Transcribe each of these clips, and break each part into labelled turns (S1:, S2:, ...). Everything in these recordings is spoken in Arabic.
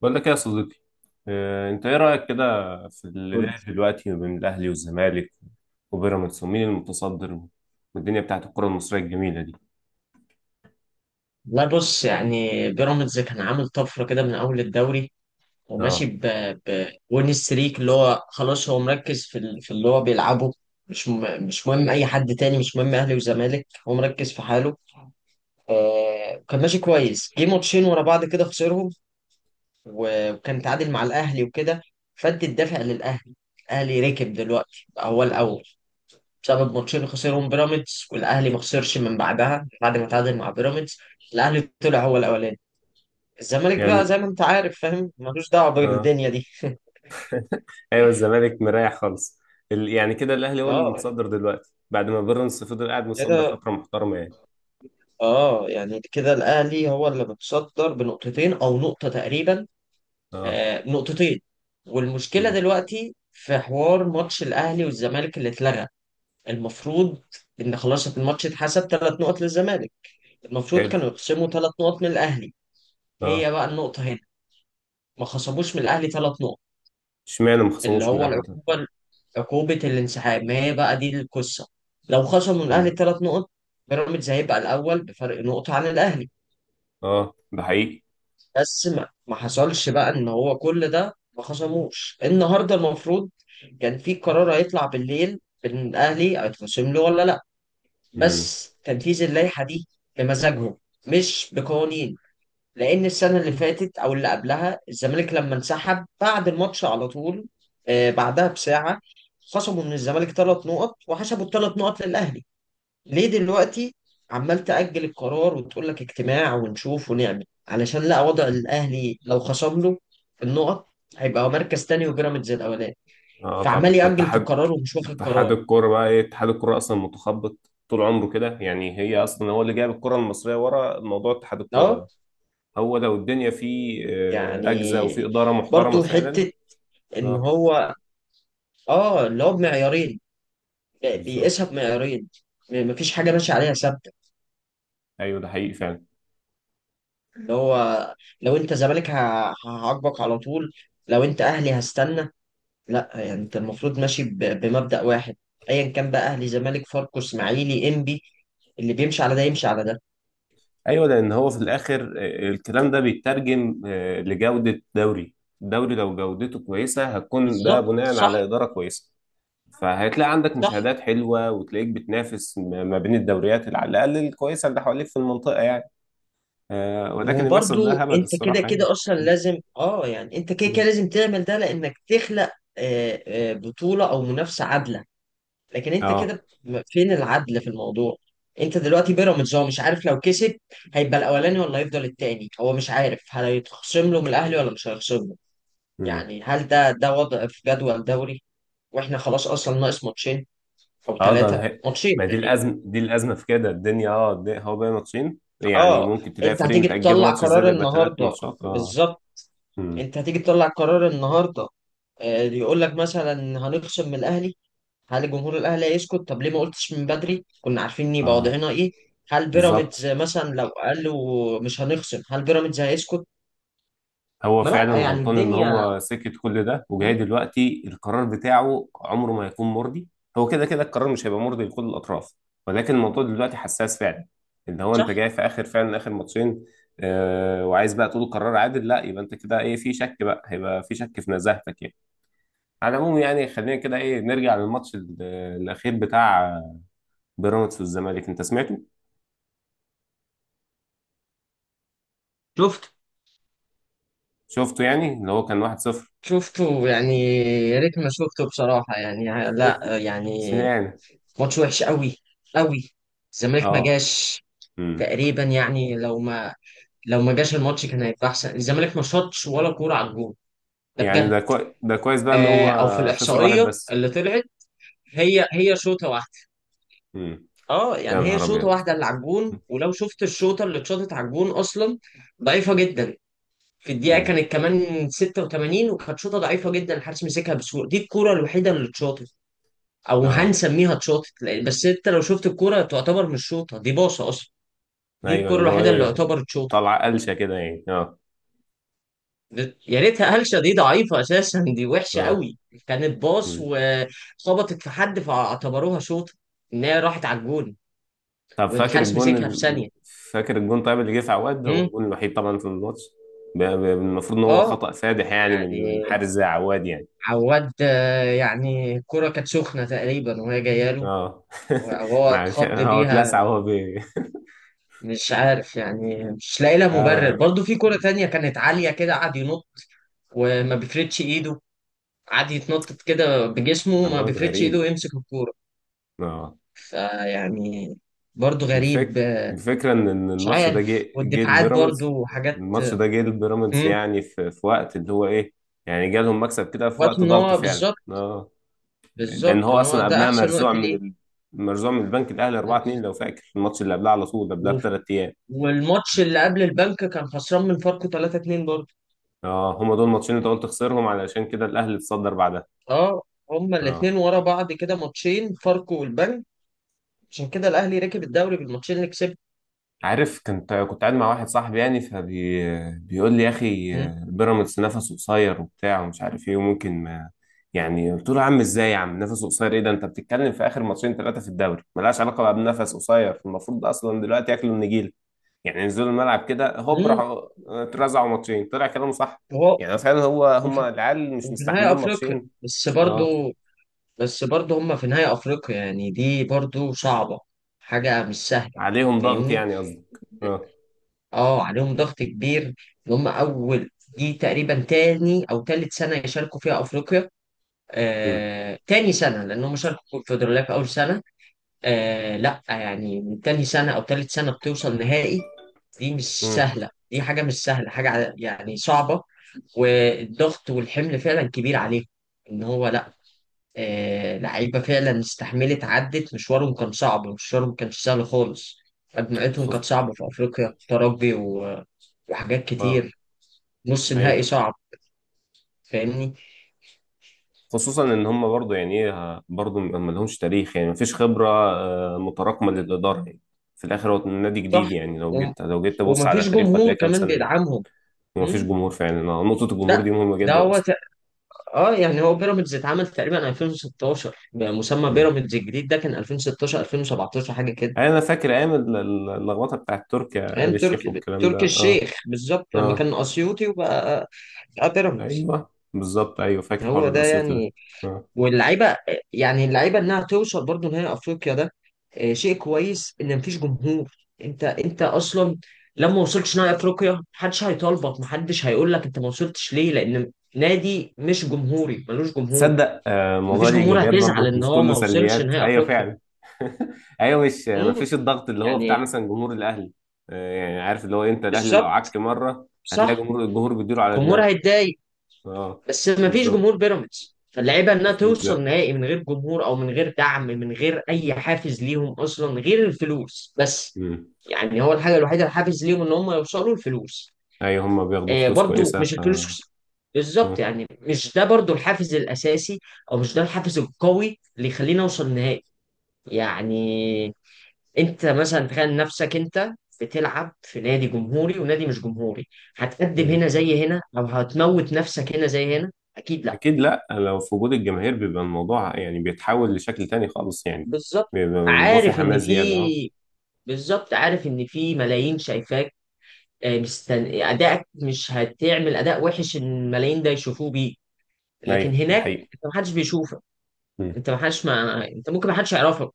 S1: بقول لك إيه يا صديقي. آه، انت ايه رايك كده في اللي
S2: قول.
S1: داير دلوقتي ما بين الاهلي والزمالك وبيراميدز ومين المتصدر والدنيا بتاعت الكره المصريه الجميله دي.
S2: لا بص، يعني بيراميدز كان عامل طفرة كده من أول الدوري وماشي
S1: اه.
S2: بوين ستريك اللي هو خلاص هو مركز في في اللي هو بيلعبه. مش م... مش مهم أي حد تاني، مش مهم أهلي وزمالك، هو مركز في حاله. كان ماشي كويس، جه ماتشين ورا بعض كده خسرهم، و- وكان تعادل مع الأهلي وكده، فادي الدافع للأهلي. الأهلي ركب دلوقتي، بقى هو الأول بسبب ماتشين خسرهم بيراميدز، والأهلي ما خسرش من بعدها بعد ما تعادل مع بيراميدز. الأهلي طلع هو الأولاني. الزمالك بقى
S1: يعني.
S2: زي ما انت عارف فاهم، ملوش دعوه
S1: اه.
S2: بالدنيا دي.
S1: ايوه الزمالك مريح خالص. يعني كده الاهلي هو اللي
S2: اه،
S1: متصدر دلوقتي بعد ما بيراميدز فضل قاعد متصدر
S2: كده.
S1: فتره محترمه، يعني.
S2: اه، يعني كده الاهلي هو اللي متصدر بنقطتين او نقطه تقريبا.
S1: اه.
S2: آه، نقطتين. والمشكله
S1: مم.
S2: دلوقتي في حوار ماتش الاهلي والزمالك اللي اتلغى. المفروض ان خلاص الماتش اتحسب ثلاث نقط للزمالك، المفروض
S1: حلو.
S2: كانوا يقسموا ثلاث نقط من الاهلي.
S1: اه.
S2: هي بقى النقطه هنا، ما خصموش من الاهلي ثلاث نقط،
S1: اشمعنى ما
S2: اللي
S1: خصموش من
S2: هو
S1: الاهلي ده؟
S2: العقوبة، عقوبة الانسحاب. ما هي بقى دي القصة. لو خصموا الأهلي
S1: مم.
S2: ثلاث نقط، بيراميدز هيبقى الأول بفرق نقطة عن الأهلي.
S1: اه، ده حقيقي.
S2: بس ما حصلش بقى إن هو كل ده، ما خصموش النهاردة. المفروض كان في قرار هيطلع بالليل إن الأهلي هيتخصم له ولا لأ.
S1: مم.
S2: بس تنفيذ اللائحة دي بمزاجهم، مش بقوانين. لان السنه اللي فاتت او اللي قبلها الزمالك لما انسحب بعد الماتش على طول، بعدها بساعه، خصموا من الزمالك ثلاث نقط وحسبوا الثلاث نقط للاهلي. ليه دلوقتي عمال تأجل القرار وتقول لك اجتماع ونشوف ونعمل، علشان لا وضع الاهلي لو خصم له النقط هيبقى مركز تاني وبيراميدز الاولاني؟
S1: اه، طبعا
S2: فعمال يأجل في القرار ومش واخد قرار.
S1: اتحاد الكوره. بقى ايه اتحاد الكوره؟ اصلا متخبط طول عمره كده، يعني. هي اصلا هو اللي جايب الكره المصريه ورا موضوع اتحاد الكوره
S2: اه،
S1: ده. هو لو الدنيا فيه ركزه وفي
S2: يعني
S1: اداره محترمه
S2: برضو
S1: فعلا.
S2: حته ان
S1: اه،
S2: هو، اه، اللي هو بمعيارين، بيقيسها
S1: بالظبط.
S2: بمعيارين. مفيش حاجه ماشيه عليها ثابته.
S1: ايوه، ده حقيقي فعلا.
S2: اللي هو لو انت زمالك هعاقبك على طول، لو انت اهلي هستنى. لا، يعني انت المفروض ماشي بمبدأ واحد، ايا كان بقى، اهلي زمالك فاركو اسماعيلي انبي، اللي بيمشي على ده يمشي على ده.
S1: ايوه، لان هو في الاخر الكلام ده بيترجم لجوده دوري. الدوري لو جودته كويسه هتكون ده
S2: بالظبط،
S1: بناء
S2: صح.
S1: على اداره كويسه. فهتلاقي عندك
S2: صح.
S1: مشاهدات حلوه وتلاقيك بتنافس ما بين الدوريات اللي على الاقل الكويسه اللي حواليك في المنطقه، يعني. آه، ولكن اللي بيحصل ده
S2: وبرضو
S1: هبل
S2: انت كده
S1: الصراحة، يعني.
S2: كده اصلا
S1: مم.
S2: لازم اه، يعني انت كده كده لازم تعمل ده لانك تخلق بطولة او منافسة عادلة. لكن انت
S1: اه.
S2: كده، فين العدل في الموضوع؟ انت دلوقتي بيراميدز هو مش عارف لو كسب هيبقى الاولاني ولا هيفضل التاني، هو مش عارف هل هيتخصم له من الاهلي ولا مش هيخصم له.
S1: امم.
S2: يعني هل ده وضع في جدول دوري؟ واحنا خلاص اصلا ناقص ماتشين او
S1: اه،
S2: ثلاثه ماتشين
S1: ما دي
S2: تقريبا.
S1: الازمه، دي الازمه في كده الدنيا. اه، هو بقى ماتشين، يعني
S2: اه،
S1: ممكن تلاقي
S2: انت
S1: فريق
S2: هتيجي
S1: متأجل له
S2: تطلع
S1: ماتش، ازاي
S2: قرار
S1: ده يبقى ثلاث
S2: النهارده.
S1: ماتشات؟ اه.
S2: بالظبط.
S1: امم.
S2: انت هتيجي تطلع قرار النهارده، يقول لك مثلا هنخصم من الاهلي. هل الجمهور الاهلي هيسكت؟ طب ليه ما قلتش من بدري، كنا عارفين يبقى
S1: اه،
S2: وضعنا ايه. هل بيراميدز
S1: بالظبط.
S2: مثلا لو قالوا مش هنخصم هل بيراميدز هيسكت؟
S1: هو
S2: ما
S1: فعلا
S2: لا، يعني
S1: غلطان ان
S2: الدنيا.
S1: هو سكت كل ده، وجاي
S2: مم،
S1: دلوقتي القرار بتاعه عمره ما هيكون مرضي. هو كده كده القرار مش هيبقى مرضي لكل الاطراف، ولكن الموضوع دلوقتي حساس فعلا. ان هو انت
S2: صح.
S1: جاي في اخر، فعلا اخر ماتشين، آه، وعايز بقى تقول قرار عادل. لا، يبقى انت كده ايه، في شك، بقى هيبقى في شك في نزاهتك، يعني. على العموم، يعني خلينا كده ايه نرجع للماتش الاخير بتاع بيراميدز والزمالك. انت سمعته؟
S2: شفت.
S1: شفته، يعني اللي هو كان 1-0.
S2: شفته يعني. يا ريت ما شفته بصراحة يعني. لا يعني،
S1: سمعنا.
S2: ماتش وحش قوي، قوي. الزمالك ما
S1: اه،
S2: جاش تقريبا، يعني لو ما، لو ما جاش الماتش كان هيبقى احسن. الزمالك ما شاطش ولا كورة على الجون، ده
S1: يعني
S2: بجد.
S1: ده كويس بقى ان
S2: آه،
S1: هو
S2: او في
S1: خسر واحد
S2: الاحصائية
S1: بس.
S2: اللي طلعت، هي هي شوطة واحدة.
S1: امم.
S2: اه
S1: يا
S2: يعني هي
S1: نهار
S2: شوطه
S1: ابيض.
S2: واحده اللي على الجون، ولو شفت الشوطه اللي اتشاطت على الجون اصلا، ضعيفه جدا. في الدقيقه
S1: امم.
S2: كانت كمان 86، وكانت شوطه ضعيفه جدا، الحارس مسكها بسهوله. دي الكوره الوحيده اللي اتشاطت، او
S1: اه.
S2: هنسميها اتشاطت، بس انت لو شفت الكوره تعتبر مش شوطه، دي باصه اصلا. دي
S1: ايوه،
S2: الكوره
S1: اللي هو
S2: الوحيده اللي
S1: ايه،
S2: يعتبر اتشاطت.
S1: طلع قلشه كده، يعني. اه.
S2: يا ريتها هلشه، دي ضعيفه اساسا، دي وحشه
S1: اه.
S2: قوي. كانت باص
S1: مم.
S2: وخبطت في حد فاعتبروها شوطه ان هي راحت على الجون،
S1: طب فاكر
S2: والحارس
S1: الجون
S2: مسكها في ثانيه.
S1: فاكر الجون؟ طيب اللي جه في عواد هو
S2: مم.
S1: الجون الوحيد طبعا في الماتش. المفروض ان هو
S2: اه،
S1: خطأ فادح، يعني، من
S2: يعني
S1: حارس زي عواد، يعني.
S2: عواد، يعني الكرة كانت سخنة تقريبا وهي جاية له
S1: اه.
S2: وهو
S1: معلش،
S2: اتخض
S1: هو اتلسع
S2: بيها.
S1: وهو بي.
S2: مش عارف يعني، مش لاقي لها مبرر
S1: آه.
S2: برضه. في كرة تانية كانت عالية كده قعد ينط وما بيفردش ايده، قعد يتنطط كده بجسمه وما
S1: عواد
S2: بيفردش ايده
S1: غريب.
S2: ويمسك الكورة.
S1: اه.
S2: فيعني برضه غريب.
S1: الفك... الفكرة إن
S2: مش
S1: الماتش ده
S2: عارف،
S1: جه
S2: والدفاعات برضه
S1: لبيراميدز.
S2: وحاجات.
S1: الماتش ده جه لبيراميدز،
S2: مم.
S1: يعني في وقت اللي هو إيه، يعني جالهم مكسب كده في
S2: وقت
S1: وقت
S2: ان
S1: ضغط
S2: هو
S1: فعلا.
S2: بالظبط،
S1: آه، لأن
S2: بالظبط
S1: هو
S2: ان هو
S1: أصلا
S2: ده
S1: قبلها
S2: احسن
S1: مرزوع
S2: وقت
S1: من
S2: ليه.
S1: مرزوع من البنك الأهلي 4-2، لو فاكر الماتش اللي قبلها على طول، قبلها
S2: وف-
S1: بثلاث أيام.
S2: والماتش اللي قبل البنك كان خسران من فاركو 3-2 برضه.
S1: آه، هما دول ماتشين أنت قلت خسرهم، علشان كده الأهلي اتصدر بعدها.
S2: اه، هما
S1: آه.
S2: الاثنين ورا بعض كده، ماتشين فاركو والبنك. عشان كده الاهلي ركب الدوري بالماتشين اللي كسبهم.
S1: عارف، كنت قاعد مع واحد صاحبي، يعني، بيقول لي: يا اخي، بيراميدز نفسه قصير وبتاع ومش عارف ايه وممكن ما، يعني. قلت له: يا عم، ازاي يا عم نفسه قصير، ايه ده؟ انت بتتكلم في اخر ماتشين ثلاثه في الدوري، ملهاش علاقه بقى بنفس قصير. المفروض اصلا دلوقتي ياكلوا النجيله، يعني ينزلوا الملعب كده هوب،
S2: امم.
S1: راحوا اترزعوا ماتشين، طلع كلامه صح.
S2: هو
S1: يعني فعلا هو، هم
S2: وفي,
S1: العيال مش
S2: وفي نهاية
S1: مستحملين
S2: افريقيا.
S1: ماتشين.
S2: بس
S1: اه،
S2: برضو، بس برضو هما في نهاية افريقيا، يعني دي برضو صعبة، حاجة مش سهلة.
S1: عليهم ضغط،
S2: فاهمني؟
S1: يعني قصدك. اه.
S2: اه، عليهم ضغط كبير، ان هما اول، دي تقريبا تاني او تالت سنة يشاركوا فيها افريقيا.
S1: امم.
S2: تاني سنة، لأن هم شاركوا في الكونفدرالية في أول سنة. آه لا، يعني من تاني سنة أو تالت سنة بتوصل نهائي، دي مش
S1: امم.
S2: سهلة، دي حاجة مش سهلة، حاجة يعني صعبة. والضغط والحمل فعلا كبير عليه، ان هو لا. آه، لعيبة فعلا استحملت، عدت مشوارهم كان صعب، مشوارهم كانش سهل خالص، مجموعتهم
S1: خص.
S2: كانت صعبة في افريقيا، ترجي وحاجات
S1: اه،
S2: كتير، نص نهائي
S1: ايوه،
S2: صعب. فاهمني؟
S1: خصوصا ان هم برضو، يعني ايه، برضو ما لهمش تاريخ، يعني ما فيش خبره آه متراكمه للاداره، يعني. في الاخر هو نادي
S2: صح.
S1: جديد، يعني لو
S2: وم-
S1: جيت لو جيت تبص على
S2: ومفيش
S1: تاريخه
S2: جمهور
S1: هتلاقي كام
S2: كمان
S1: سنه، يعني.
S2: بيدعمهم.
S1: وما فيش
S2: مم؟
S1: جمهور فعلا، آه، نقطه
S2: لا،
S1: الجمهور دي مهمه
S2: ده
S1: جدا
S2: هو ت...
S1: اصلا.
S2: اه يعني هو بيراميدز اتعمل تقريبا 2016 بمسمى
S1: مم.
S2: بيراميدز الجديد، ده كان 2016 2017 حاجة كده.
S1: يعني انا فاكر ايام اللخبطه بتاعت تركيا
S2: فاهم،
S1: آل الشيخ
S2: تركي،
S1: والكلام ده.
S2: تركي
S1: اه.
S2: الشيخ، بالظبط لما
S1: اه.
S2: كان اسيوطي وبقى، بقى بيراميدز.
S1: ايوه، بالظبط. ايوه، فاكر حوار
S2: هو ده
S1: الاسيوطي ده.
S2: يعني.
S1: آه.
S2: واللعيبه، يعني اللعيبه انها توصل برضو نهائي افريقيا ده، شيء كويس ان مفيش جمهور. انت انت اصلا لما وصلتش نهائي افريقيا محدش هيطالبك، محدش هيقول لك انت ما وصلتش ليه، لان نادي مش جمهوري ملوش جمهور.
S1: تصدق، آه، الموضوع
S2: مفيش
S1: ليه
S2: جمهور
S1: ايجابيات
S2: هتزعل
S1: برضه،
S2: ان
S1: مش
S2: هو
S1: كله
S2: ما وصلش
S1: سلبيات.
S2: نهائي
S1: ايوه
S2: افريقيا.
S1: فعلا. ايوه، مش ما
S2: امم.
S1: فيش الضغط اللي هو بتاع
S2: يعني
S1: مثلا جمهور الاهلي. آه، يعني عارف، اللي هو انت الاهلي لو
S2: بالظبط
S1: عك مره هتلاقي
S2: صح،
S1: جمهور، الجمهور بيديله على
S2: الجمهور
S1: دماغه.
S2: هيتضايق.
S1: اه،
S2: بس ما فيش
S1: بالظبط.
S2: جمهور بيراميدز، فاللعيبه انها
S1: مفيش،
S2: توصل
S1: لا.
S2: نهائي من غير جمهور، او من غير دعم، من غير اي حافز ليهم اصلا غير الفلوس بس.
S1: مم.
S2: يعني هو الحاجه الوحيده الحافز ليهم ان هم يوصلوا الفلوس.
S1: ايوه، هم بياخدوا
S2: آه،
S1: فلوس
S2: برضو
S1: كويسه، ف...
S2: مش الفلوس، بالظبط،
S1: مم.
S2: يعني مش ده برضو الحافز الاساسي، او مش ده الحافز القوي اللي يخلينا نوصل نهائي. يعني انت مثلا تخيل نفسك انت بتلعب في نادي جمهوري ونادي مش جمهوري، هتقدم
S1: مم.
S2: هنا زي هنا، او هتموت نفسك هنا زي هنا؟ اكيد لا.
S1: اكيد لا، لو في وجود الجماهير بيبقى الموضوع، يعني، بيتحول لشكل تاني خالص، يعني.
S2: بالظبط،
S1: بيبقى الموضوع فيه
S2: عارف ان
S1: حماس زياده. اه.
S2: في بالظبط عارف ان في ملايين شايفاك، ادائك مش هتعمل اداء وحش إن الملايين ده يشوفوه بيه. لكن
S1: ايوه، ده
S2: هناك
S1: حقيقي.
S2: انت محدش بيشوفك، انت محدش، ما انت ممكن محدش يعرفك،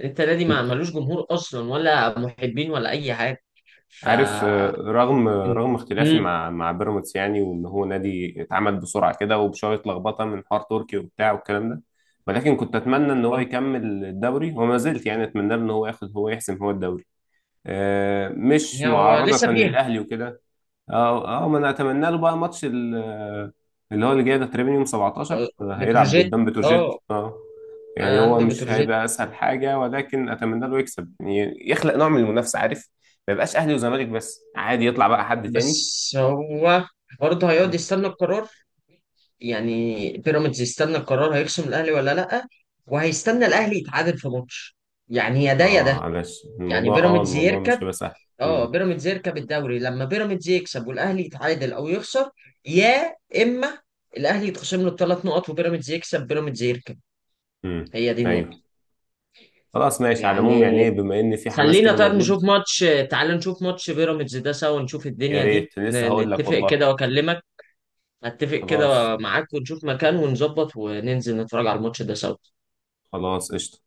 S2: انت نادي ما
S1: مم.
S2: ملوش جمهور اصلا، ولا محبين، ولا اي حاجه. ف.
S1: عارف، آه، رغم اختلافي
S2: امم.
S1: مع بيراميدز، يعني، وان هو نادي اتعمل بسرعه كده وبشويه لخبطه من حوار تركي وبتاع والكلام ده، ولكن كنت اتمنى ان هو يكمل الدوري، وما زلت يعني اتمنى له ان هو ياخد، هو يحسم هو الدوري. آه، مش
S2: يعني هو لسه
S1: معارضه
S2: فيها
S1: للاهلي وكده. اه. اه، ما انا اتمنى له بقى ماتش اللي هو اللي جاي ده، تقريبا يوم 17 هيلعب
S2: بتروجيت.
S1: قدام بتروجيت.
S2: اه،
S1: اه. يعني هو
S2: عنده
S1: مش
S2: بتروجيت.
S1: هيبقى اسهل حاجه، ولكن اتمنى له يكسب، يعني يخلق نوع من المنافسه، عارف، ما يبقاش اهلي وزمالك بس، عادي يطلع بقى حد تاني.
S2: بس هو برضه هيقعد
S1: مم.
S2: يستنى القرار، يعني بيراميدز يستنى القرار هيخصم الاهلي ولا لا، وهيستنى الاهلي يتعادل في ماتش. يعني يا ده يا
S1: اه،
S2: ده،
S1: معلش،
S2: يعني
S1: الموضوع، اه،
S2: بيراميدز
S1: الموضوع مش
S2: يركب،
S1: هيبقى سهل.
S2: اه
S1: امم.
S2: بيراميدز يركب الدوري لما بيراميدز يكسب والاهلي يتعادل او يخسر، يا اما الاهلي يتخصم له الثلاث نقط وبيراميدز يكسب، بيراميدز يركب.
S1: امم.
S2: هي دي النقطة.
S1: ايوه. خلاص ماشي. على العموم، يعني
S2: يعني
S1: ايه، بما ان في حماس
S2: خلينا
S1: كده
S2: طيب
S1: موجود.
S2: نشوف ماتش، تعال نشوف ماتش بيراميدز ده سوا، نشوف
S1: يا
S2: الدنيا دي،
S1: ريت، لسه هقول لك
S2: نتفق
S1: والله.
S2: كده واكلمك. اتفق
S1: خلاص.
S2: كده معاك، ونشوف مكان ونظبط وننزل نتفرج على الماتش ده سوا.
S1: خلاص قشطه.